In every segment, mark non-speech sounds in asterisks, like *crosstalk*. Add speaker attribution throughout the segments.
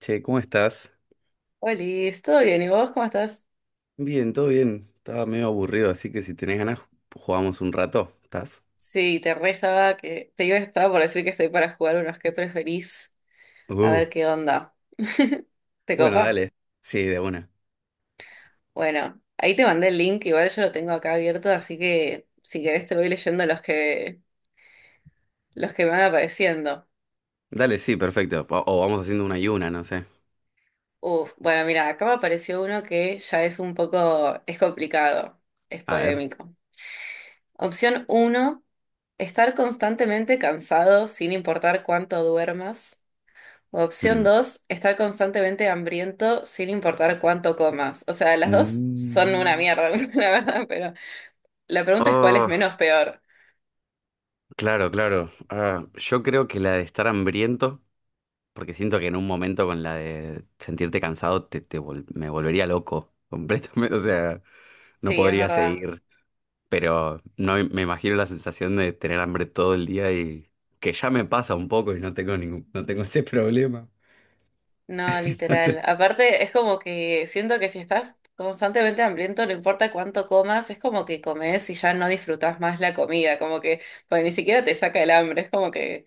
Speaker 1: Che, ¿cómo estás?
Speaker 2: Hola, ¿todo bien? ¿Y vos cómo estás?
Speaker 1: Bien, todo bien. Estaba medio aburrido, así que si tenés ganas, jugamos un rato. ¿Estás?
Speaker 2: Sí, te re estaba que te iba estaba por decir que estoy para jugar unos que preferís, a
Speaker 1: Uh.
Speaker 2: ver qué onda. *laughs* ¿Te
Speaker 1: Bueno,
Speaker 2: copa?
Speaker 1: dale. Sí, de una.
Speaker 2: Bueno, ahí te mandé el link, igual yo lo tengo acá abierto, así que si querés te voy leyendo los que me van apareciendo.
Speaker 1: Dale, sí, perfecto. O vamos haciendo una y una, no sé.
Speaker 2: Uf, bueno, mira, acá me apareció uno que ya es un poco, es complicado, es
Speaker 1: A ver.
Speaker 2: polémico. Opción uno: estar constantemente cansado sin importar cuánto duermas. Opción
Speaker 1: Mm.
Speaker 2: dos: estar constantemente hambriento sin importar cuánto comas. O sea, las dos son una
Speaker 1: Mm.
Speaker 2: mierda, *laughs* la verdad, pero la pregunta es cuál es
Speaker 1: Oh,
Speaker 2: menos peor.
Speaker 1: claro, claro. Yo creo que la de estar hambriento, porque siento que en un momento con la de sentirte cansado me volvería loco completamente. *laughs* O sea, no
Speaker 2: Sí, es
Speaker 1: podría
Speaker 2: verdad.
Speaker 1: seguir. Pero no me imagino la sensación de tener hambre todo el día, y que ya me pasa un poco y no tengo ese problema.
Speaker 2: No,
Speaker 1: *laughs* Entonces,
Speaker 2: literal. Aparte, es como que siento que si estás constantemente hambriento, no importa cuánto comas, es como que comes y ya no disfrutas más la comida, como que pues, ni siquiera te saca el hambre, es como que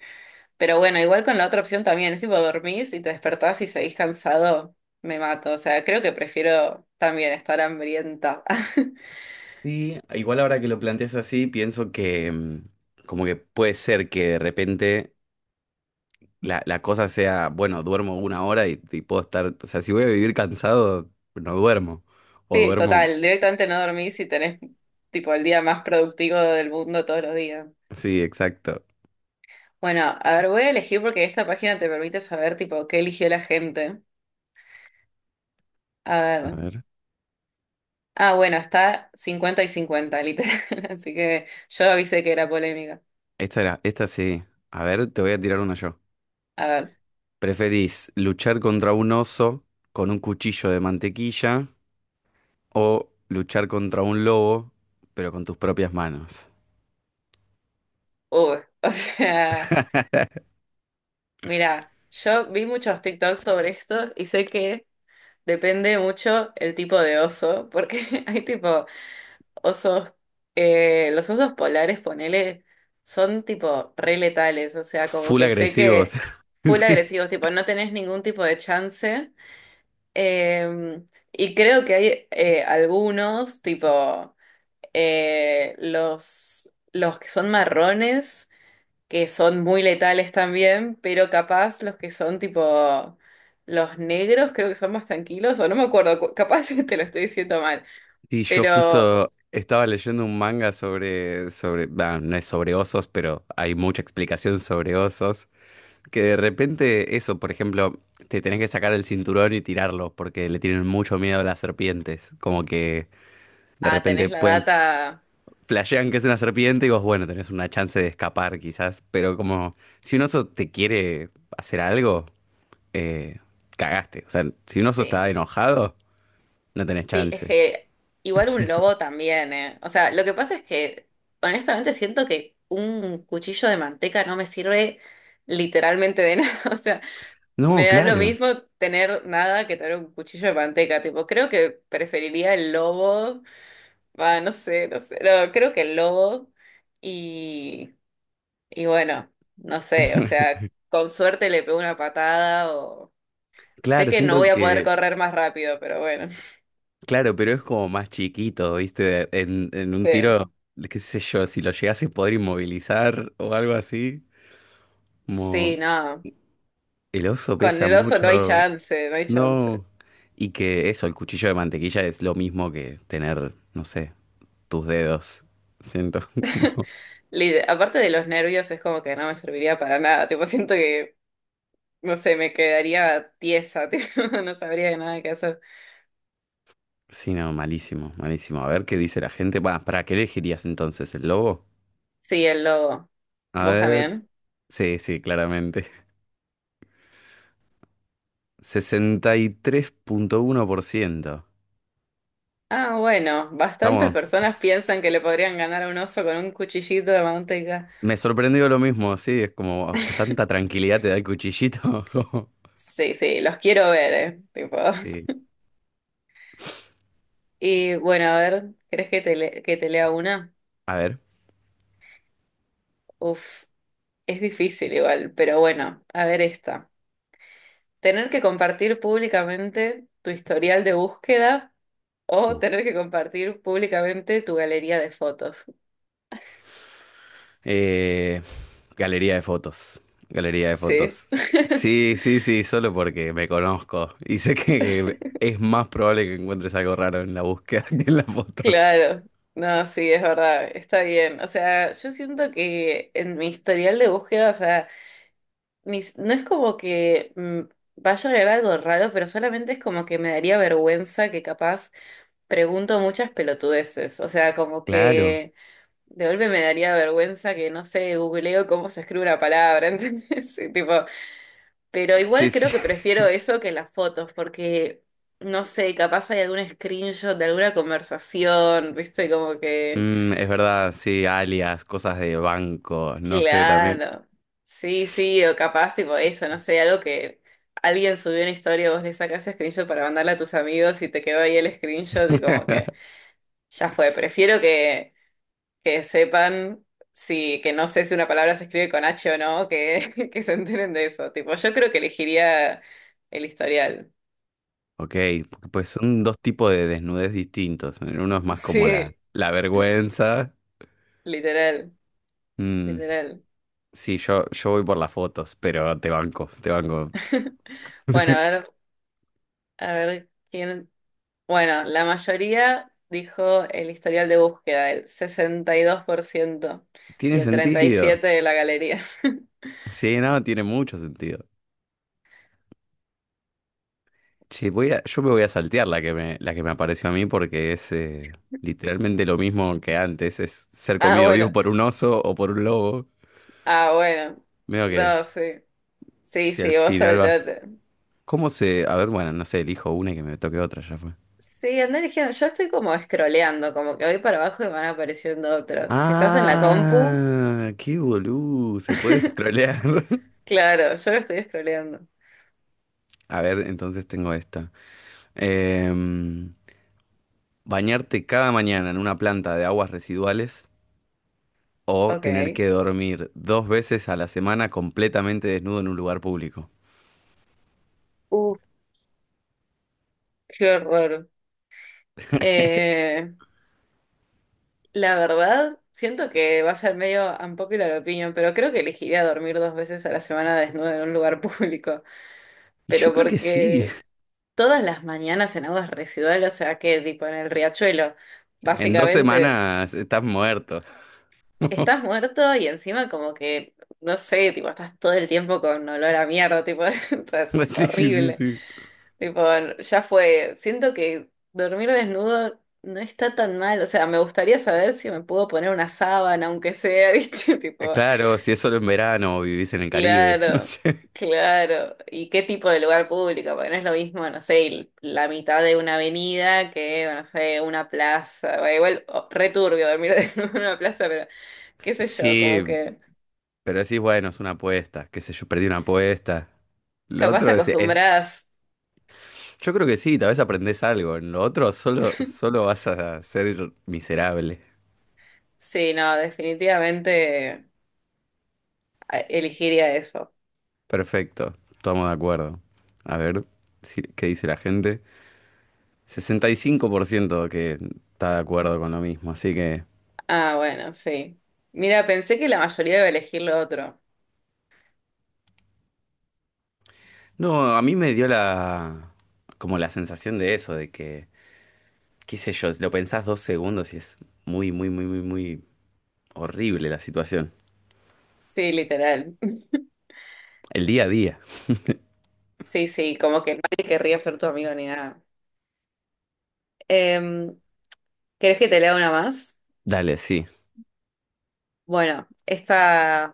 Speaker 2: pero bueno, igual con la otra opción también, es tipo dormís y te despertás y seguís cansado, me mato. O sea, creo que prefiero también estar hambrienta. *laughs*
Speaker 1: Sí, igual ahora que lo planteas así, pienso que como que puede ser que de repente la cosa sea, bueno, duermo una hora, y puedo estar, o sea, si voy a vivir cansado, no duermo. O
Speaker 2: Sí,
Speaker 1: duermo,
Speaker 2: total, directamente no dormís y tenés tipo el día más productivo del mundo todos los días.
Speaker 1: sí, exacto.
Speaker 2: Bueno, a ver, voy a elegir porque esta página te permite saber tipo qué eligió la gente. A
Speaker 1: A
Speaker 2: ver.
Speaker 1: ver.
Speaker 2: Ah, bueno, está 50-50 literal. *laughs* Así que yo avisé que era polémica.
Speaker 1: Esta era, esta sí. A ver, te voy a tirar una yo.
Speaker 2: A ver.
Speaker 1: ¿Preferís luchar contra un oso con un cuchillo de mantequilla, o luchar contra un lobo, pero con tus propias manos?
Speaker 2: Uy, *laughs* o sea. Mira, yo vi muchos TikToks sobre esto y sé que depende mucho el tipo de oso, porque *laughs* hay tipo osos, los osos polares, ponele, son tipo re letales, o sea, como
Speaker 1: Full
Speaker 2: que sé
Speaker 1: agresivos.
Speaker 2: que
Speaker 1: *laughs*
Speaker 2: full
Speaker 1: Sí.
Speaker 2: agresivos, tipo, no tenés ningún tipo de chance. eh, y creo que hay algunos, tipo, los que son marrones que son muy letales también, pero capaz los que son tipo los negros creo que son más tranquilos, o no me acuerdo, capaz *laughs* te lo estoy diciendo mal,
Speaker 1: Sí, yo
Speaker 2: pero
Speaker 1: justo estaba leyendo un manga sobre, no es sobre osos, pero hay mucha explicación sobre osos, que de repente eso, por ejemplo, te tenés que sacar el cinturón y tirarlo, porque le tienen mucho miedo a las serpientes, como que de
Speaker 2: ah, tenés
Speaker 1: repente
Speaker 2: la
Speaker 1: pueden,
Speaker 2: data,
Speaker 1: flashean que es una serpiente y vos, bueno, tenés una chance de escapar quizás, pero como si un oso te quiere hacer algo, eh, cagaste. O sea, si un oso está
Speaker 2: sí,
Speaker 1: enojado, no tenés
Speaker 2: sí, es
Speaker 1: chance.
Speaker 2: que igual un lobo también, eh. O sea, lo que pasa es que honestamente siento que un cuchillo de manteca no me sirve literalmente de *laughs* nada, o sea,
Speaker 1: No,
Speaker 2: me da lo
Speaker 1: claro.
Speaker 2: mismo tener nada que tener un cuchillo de manteca, tipo, creo que preferiría el lobo. Va, no sé, no sé. No, creo que el lobo y, y bueno, no sé, o
Speaker 1: *laughs*
Speaker 2: sea, con suerte le pego una patada o... Sé
Speaker 1: Claro,
Speaker 2: que no
Speaker 1: siento
Speaker 2: voy a poder
Speaker 1: que,
Speaker 2: correr más rápido, pero bueno. *laughs*
Speaker 1: claro, pero es como más chiquito, ¿viste? En un
Speaker 2: Sí,
Speaker 1: tiro, qué sé yo, si lo llegase a poder inmovilizar o algo así,
Speaker 2: sí,
Speaker 1: como
Speaker 2: no.
Speaker 1: el oso
Speaker 2: Con
Speaker 1: pesa
Speaker 2: el oso no hay
Speaker 1: mucho,
Speaker 2: chance, no hay
Speaker 1: no.
Speaker 2: chance.
Speaker 1: Y que eso, el cuchillo de mantequilla es lo mismo que tener, no sé, tus dedos. Siento *laughs*
Speaker 2: *laughs*
Speaker 1: como...
Speaker 2: Aparte de los nervios, es como que no me serviría para nada. Tipo, siento que, no sé, me quedaría tiesa, *laughs* tipo, no sabría de nada qué hacer.
Speaker 1: Sí, no, malísimo, malísimo. A ver qué dice la gente. Va, ¿para qué elegirías entonces el lobo?
Speaker 2: Sí, el lobo.
Speaker 1: A
Speaker 2: ¿Vos
Speaker 1: ver,
Speaker 2: también?
Speaker 1: sí, sí, claramente. *laughs* 63,1%.
Speaker 2: Ah, bueno, bastantes
Speaker 1: Estamos,
Speaker 2: personas piensan que le podrían ganar a un oso con un cuchillito de manteca.
Speaker 1: me sorprendió lo mismo, sí, es como tanta
Speaker 2: *laughs*
Speaker 1: tranquilidad te da el cuchillito. *laughs*
Speaker 2: Sí, sí, los quiero ver, tipo.
Speaker 1: Sí,
Speaker 2: *laughs* Y bueno, a ver, ¿querés que te, le- que te lea una?
Speaker 1: a ver.
Speaker 2: Uf, es difícil igual, pero bueno, a ver esta. ¿Tener que compartir públicamente tu historial de búsqueda o
Speaker 1: Uh.
Speaker 2: tener que compartir públicamente tu galería de fotos?
Speaker 1: Eh, Galería de fotos, galería de
Speaker 2: Sí.
Speaker 1: fotos.
Speaker 2: *laughs*
Speaker 1: Sí, sí, sí, solo porque me conozco y sé que es más probable que encuentres algo raro en la búsqueda *laughs* que en las fotos.
Speaker 2: Claro, no, sí, es verdad, está bien. O sea, yo siento que en mi historial de búsqueda, o sea, mis- no es como que vaya a agregar algo raro, pero solamente es como que me daría vergüenza que capaz pregunto muchas pelotudeces. O sea, como
Speaker 1: Claro,
Speaker 2: que de golpe me daría vergüenza que, no sé, googleo cómo se escribe una palabra, *laughs* ¿entendés? Sí, tipo, pero
Speaker 1: sí,
Speaker 2: igual
Speaker 1: sí.
Speaker 2: creo que prefiero
Speaker 1: *laughs*
Speaker 2: eso que las fotos, porque, no sé, capaz hay algún screenshot de alguna conversación, ¿viste? Como que...
Speaker 1: Mm, es verdad, sí, alias, cosas de banco, no sé también.
Speaker 2: Claro. Sí, sí, o capaz, tipo eso, no sé, algo que alguien subió una historia, vos le sacás screenshot para mandarla a tus amigos y te quedó ahí el screenshot y como que
Speaker 1: *laughs*
Speaker 2: ya fue. Prefiero que sepan si, que no sé si una palabra se escribe con H o no, que, *laughs* que se enteren de eso. Tipo, yo creo que elegiría el historial. *laughs*
Speaker 1: Ok, porque, pues son dos tipos de desnudez distintos. Uno es más como
Speaker 2: Sí,
Speaker 1: la vergüenza.
Speaker 2: literal,
Speaker 1: Mm,
Speaker 2: literal.
Speaker 1: sí, yo voy por las fotos, pero te banco, te banco.
Speaker 2: *laughs* Bueno,
Speaker 1: *laughs*
Speaker 2: a ver, ¿quién? Bueno, la mayoría dijo el historial de búsqueda, el 62%
Speaker 1: Tiene
Speaker 2: y el
Speaker 1: sentido.
Speaker 2: 37% de la galería. *laughs*
Speaker 1: Sí, no, tiene mucho sentido. Che, yo me voy a saltear la que me apareció a mí porque es literalmente lo mismo que antes. Es ser
Speaker 2: Ah,
Speaker 1: comido vivo
Speaker 2: bueno,
Speaker 1: por un oso o por un lobo.
Speaker 2: ah, bueno.
Speaker 1: Veo que
Speaker 2: No, sí. Sí,
Speaker 1: si al
Speaker 2: sí, vos
Speaker 1: final vas...
Speaker 2: saltate.
Speaker 1: ¿Cómo se...? A ver, bueno, no sé, elijo una y que me toque otra, ya fue.
Speaker 2: Sí, andá eligiendo. Yo estoy como scrolleando, como que voy para abajo y van apareciendo otros. Si estás en la compu,
Speaker 1: Ah, qué boludo, se puede
Speaker 2: *laughs*
Speaker 1: scrollear. *laughs*
Speaker 2: claro, yo lo estoy scrolleando.
Speaker 1: A ver, entonces tengo esta. Em, Bañarte cada mañana en una planta de aguas residuales, o tener
Speaker 2: Ok.
Speaker 1: que dormir dos veces a la semana completamente desnudo en un lugar público.
Speaker 2: Uf, qué horror. Eh, La verdad, siento que va a ser medio unpopular opinion, pero creo que elegiría dormir dos veces a la semana desnudo en un lugar *laughs* público.
Speaker 1: Y yo
Speaker 2: Pero
Speaker 1: creo que sí.
Speaker 2: porque
Speaker 1: *laughs*
Speaker 2: todas las mañanas en aguas residuales, o sea que tipo en el riachuelo,
Speaker 1: En dos
Speaker 2: básicamente
Speaker 1: semanas estás muerto. *laughs*
Speaker 2: estás muerto y encima como que, no sé, tipo estás todo el tiempo con olor a mierda, tipo, *laughs* o sea, es
Speaker 1: Sí, sí, sí,
Speaker 2: horrible.
Speaker 1: sí.
Speaker 2: Tipo, ya fue. Siento que dormir desnudo no está tan mal. O sea, me gustaría saber si me puedo poner una sábana, aunque sea, *laughs* ¿viste? Tipo.
Speaker 1: Claro, si es solo en verano o vivís en el Caribe, *laughs* no
Speaker 2: Claro,
Speaker 1: sé.
Speaker 2: claro. ¿Y qué tipo de lugar público? Porque no es lo mismo, no sé, el- la mitad de una avenida que, no sé, una plaza. Bueno, igual, oh, re turbio dormir *laughs* en una plaza, pero qué sé yo,
Speaker 1: Sí,
Speaker 2: como que
Speaker 1: pero decís, bueno, es una apuesta, qué sé yo, perdí una apuesta. Lo
Speaker 2: capaz te
Speaker 1: otro es-
Speaker 2: acostumbras.
Speaker 1: Yo creo que sí, tal vez aprendés algo. En lo otro
Speaker 2: *laughs*
Speaker 1: solo vas a ser miserable.
Speaker 2: Sí, no, definitivamente elegiría eso.
Speaker 1: Perfecto, estamos de acuerdo. A ver, ¿qué dice la gente? 65% que está de acuerdo con lo mismo, así que...
Speaker 2: Ah, bueno, sí. Mira, pensé que la mayoría iba a elegir lo otro.
Speaker 1: No, a mí me dio la... como la sensación de eso, de que, qué sé yo, lo pensás dos segundos y es muy, muy, muy, muy, muy horrible la situación.
Speaker 2: Sí, literal. *laughs*
Speaker 1: El día a día.
Speaker 2: Sí, sí, como que nadie querría ser tu amigo ni nada. Em, ¿querés que te lea una más?
Speaker 1: Dale, sí.
Speaker 2: Bueno, esta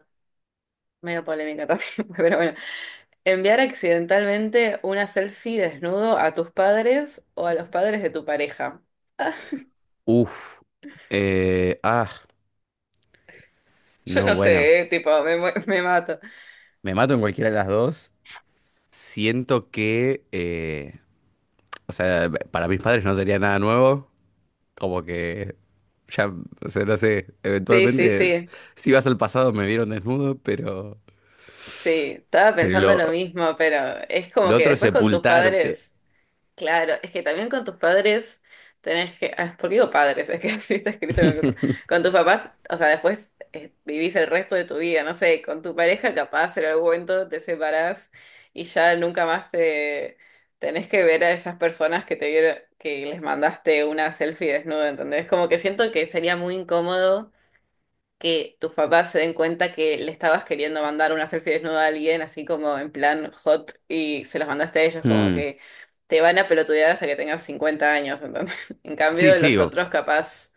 Speaker 2: medio polémica también, *laughs* pero bueno. Enviar accidentalmente una selfie desnudo a tus padres o a los padres de tu pareja.
Speaker 1: Uf. eh, ah,
Speaker 2: Yo
Speaker 1: no,
Speaker 2: no
Speaker 1: bueno.
Speaker 2: sé, tipo, me, mu- *laughs* me mato.
Speaker 1: Me mato en cualquiera de las dos. Siento que, o sea, para mis padres no sería nada nuevo. Como que ya, o sea, no sé,
Speaker 2: Sí, sí, sí.
Speaker 1: si vas al pasado me vieron desnudo,
Speaker 2: Sí, estaba
Speaker 1: pero
Speaker 2: pensando lo mismo, pero es
Speaker 1: lo
Speaker 2: como que
Speaker 1: otro es
Speaker 2: después con tus
Speaker 1: sepultarte.
Speaker 2: padres. Claro, es que también con tus padres tenés que. Ah, ¿por qué digo padres? Es que *laughs* así está escrito en el coso. Con tus papás, o sea, después vivís el resto de tu vida, no sé, con tu pareja capaz en algún momento te separás y ya nunca más te tenés que ver a esas personas que te vieron, que les mandaste una selfie desnuda, ¿entendés? Como que siento que sería muy incómodo que tus papás se den cuenta que le estabas queriendo mandar una selfie desnuda a alguien, así como en plan hot, y se las mandaste a ellos, como
Speaker 1: Mm.
Speaker 2: que te van a pelotudear hasta que tengas 50 años, ¿entendés? *laughs* En cambio,
Speaker 1: Sí,
Speaker 2: de
Speaker 1: sí.
Speaker 2: los otros capaz,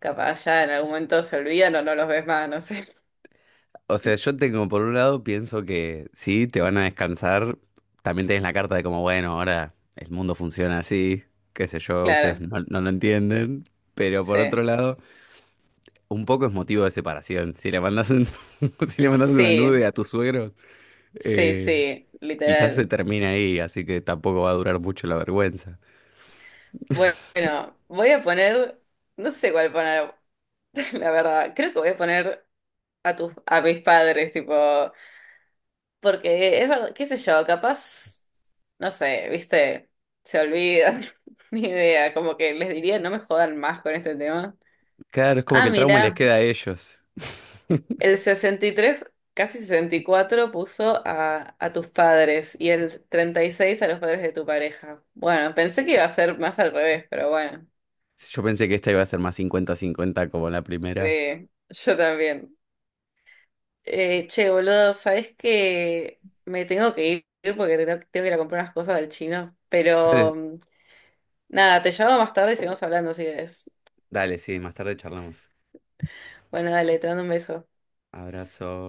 Speaker 2: capaz ya en algún momento se olvidan o no los ves más, no sé. *laughs*
Speaker 1: O sea, yo tengo, por un lado, pienso que sí, te van a descansar. También tenés la carta de como, bueno, ahora el mundo funciona así, qué sé yo, ustedes
Speaker 2: Claro,
Speaker 1: no lo entienden. Pero por otro
Speaker 2: sí,
Speaker 1: lado, un poco es motivo de separación. Si le mandas un, *laughs* si le mandas una nude
Speaker 2: sí,
Speaker 1: a tus suegros,
Speaker 2: sí,
Speaker 1: eh,
Speaker 2: sí,
Speaker 1: quizás se
Speaker 2: literal.
Speaker 1: termina ahí, así que tampoco va a durar mucho la vergüenza.
Speaker 2: Bueno, voy a poner, no sé cuál poner, *laughs* la verdad, creo que voy a poner a tus, a mis padres, tipo. Porque es verdad, qué sé yo, capaz, no sé, viste, se olvida, *laughs* ni idea, como que les diría no me jodan más con este tema.
Speaker 1: Claro, es como que
Speaker 2: Ah,
Speaker 1: el trauma les
Speaker 2: mira,
Speaker 1: queda a ellos. *laughs*
Speaker 2: el 63 casi 64 puso a tus padres y el 36 a los padres de tu pareja. Bueno, pensé que iba a ser más al revés, pero bueno,
Speaker 1: Yo pensé que esta iba a ser más 50-50 como la primera.
Speaker 2: sí, yo también. Che, boludo, ¿sabes que me tengo que ir porque tengo, tengo que ir a comprar unas cosas del chino?
Speaker 1: Dale,
Speaker 2: Pero... Nada, te llamo más tarde y seguimos hablando si querés.
Speaker 1: dale, sí, más tarde charlamos.
Speaker 2: Bueno, dale, te mando un beso.
Speaker 1: Abrazo.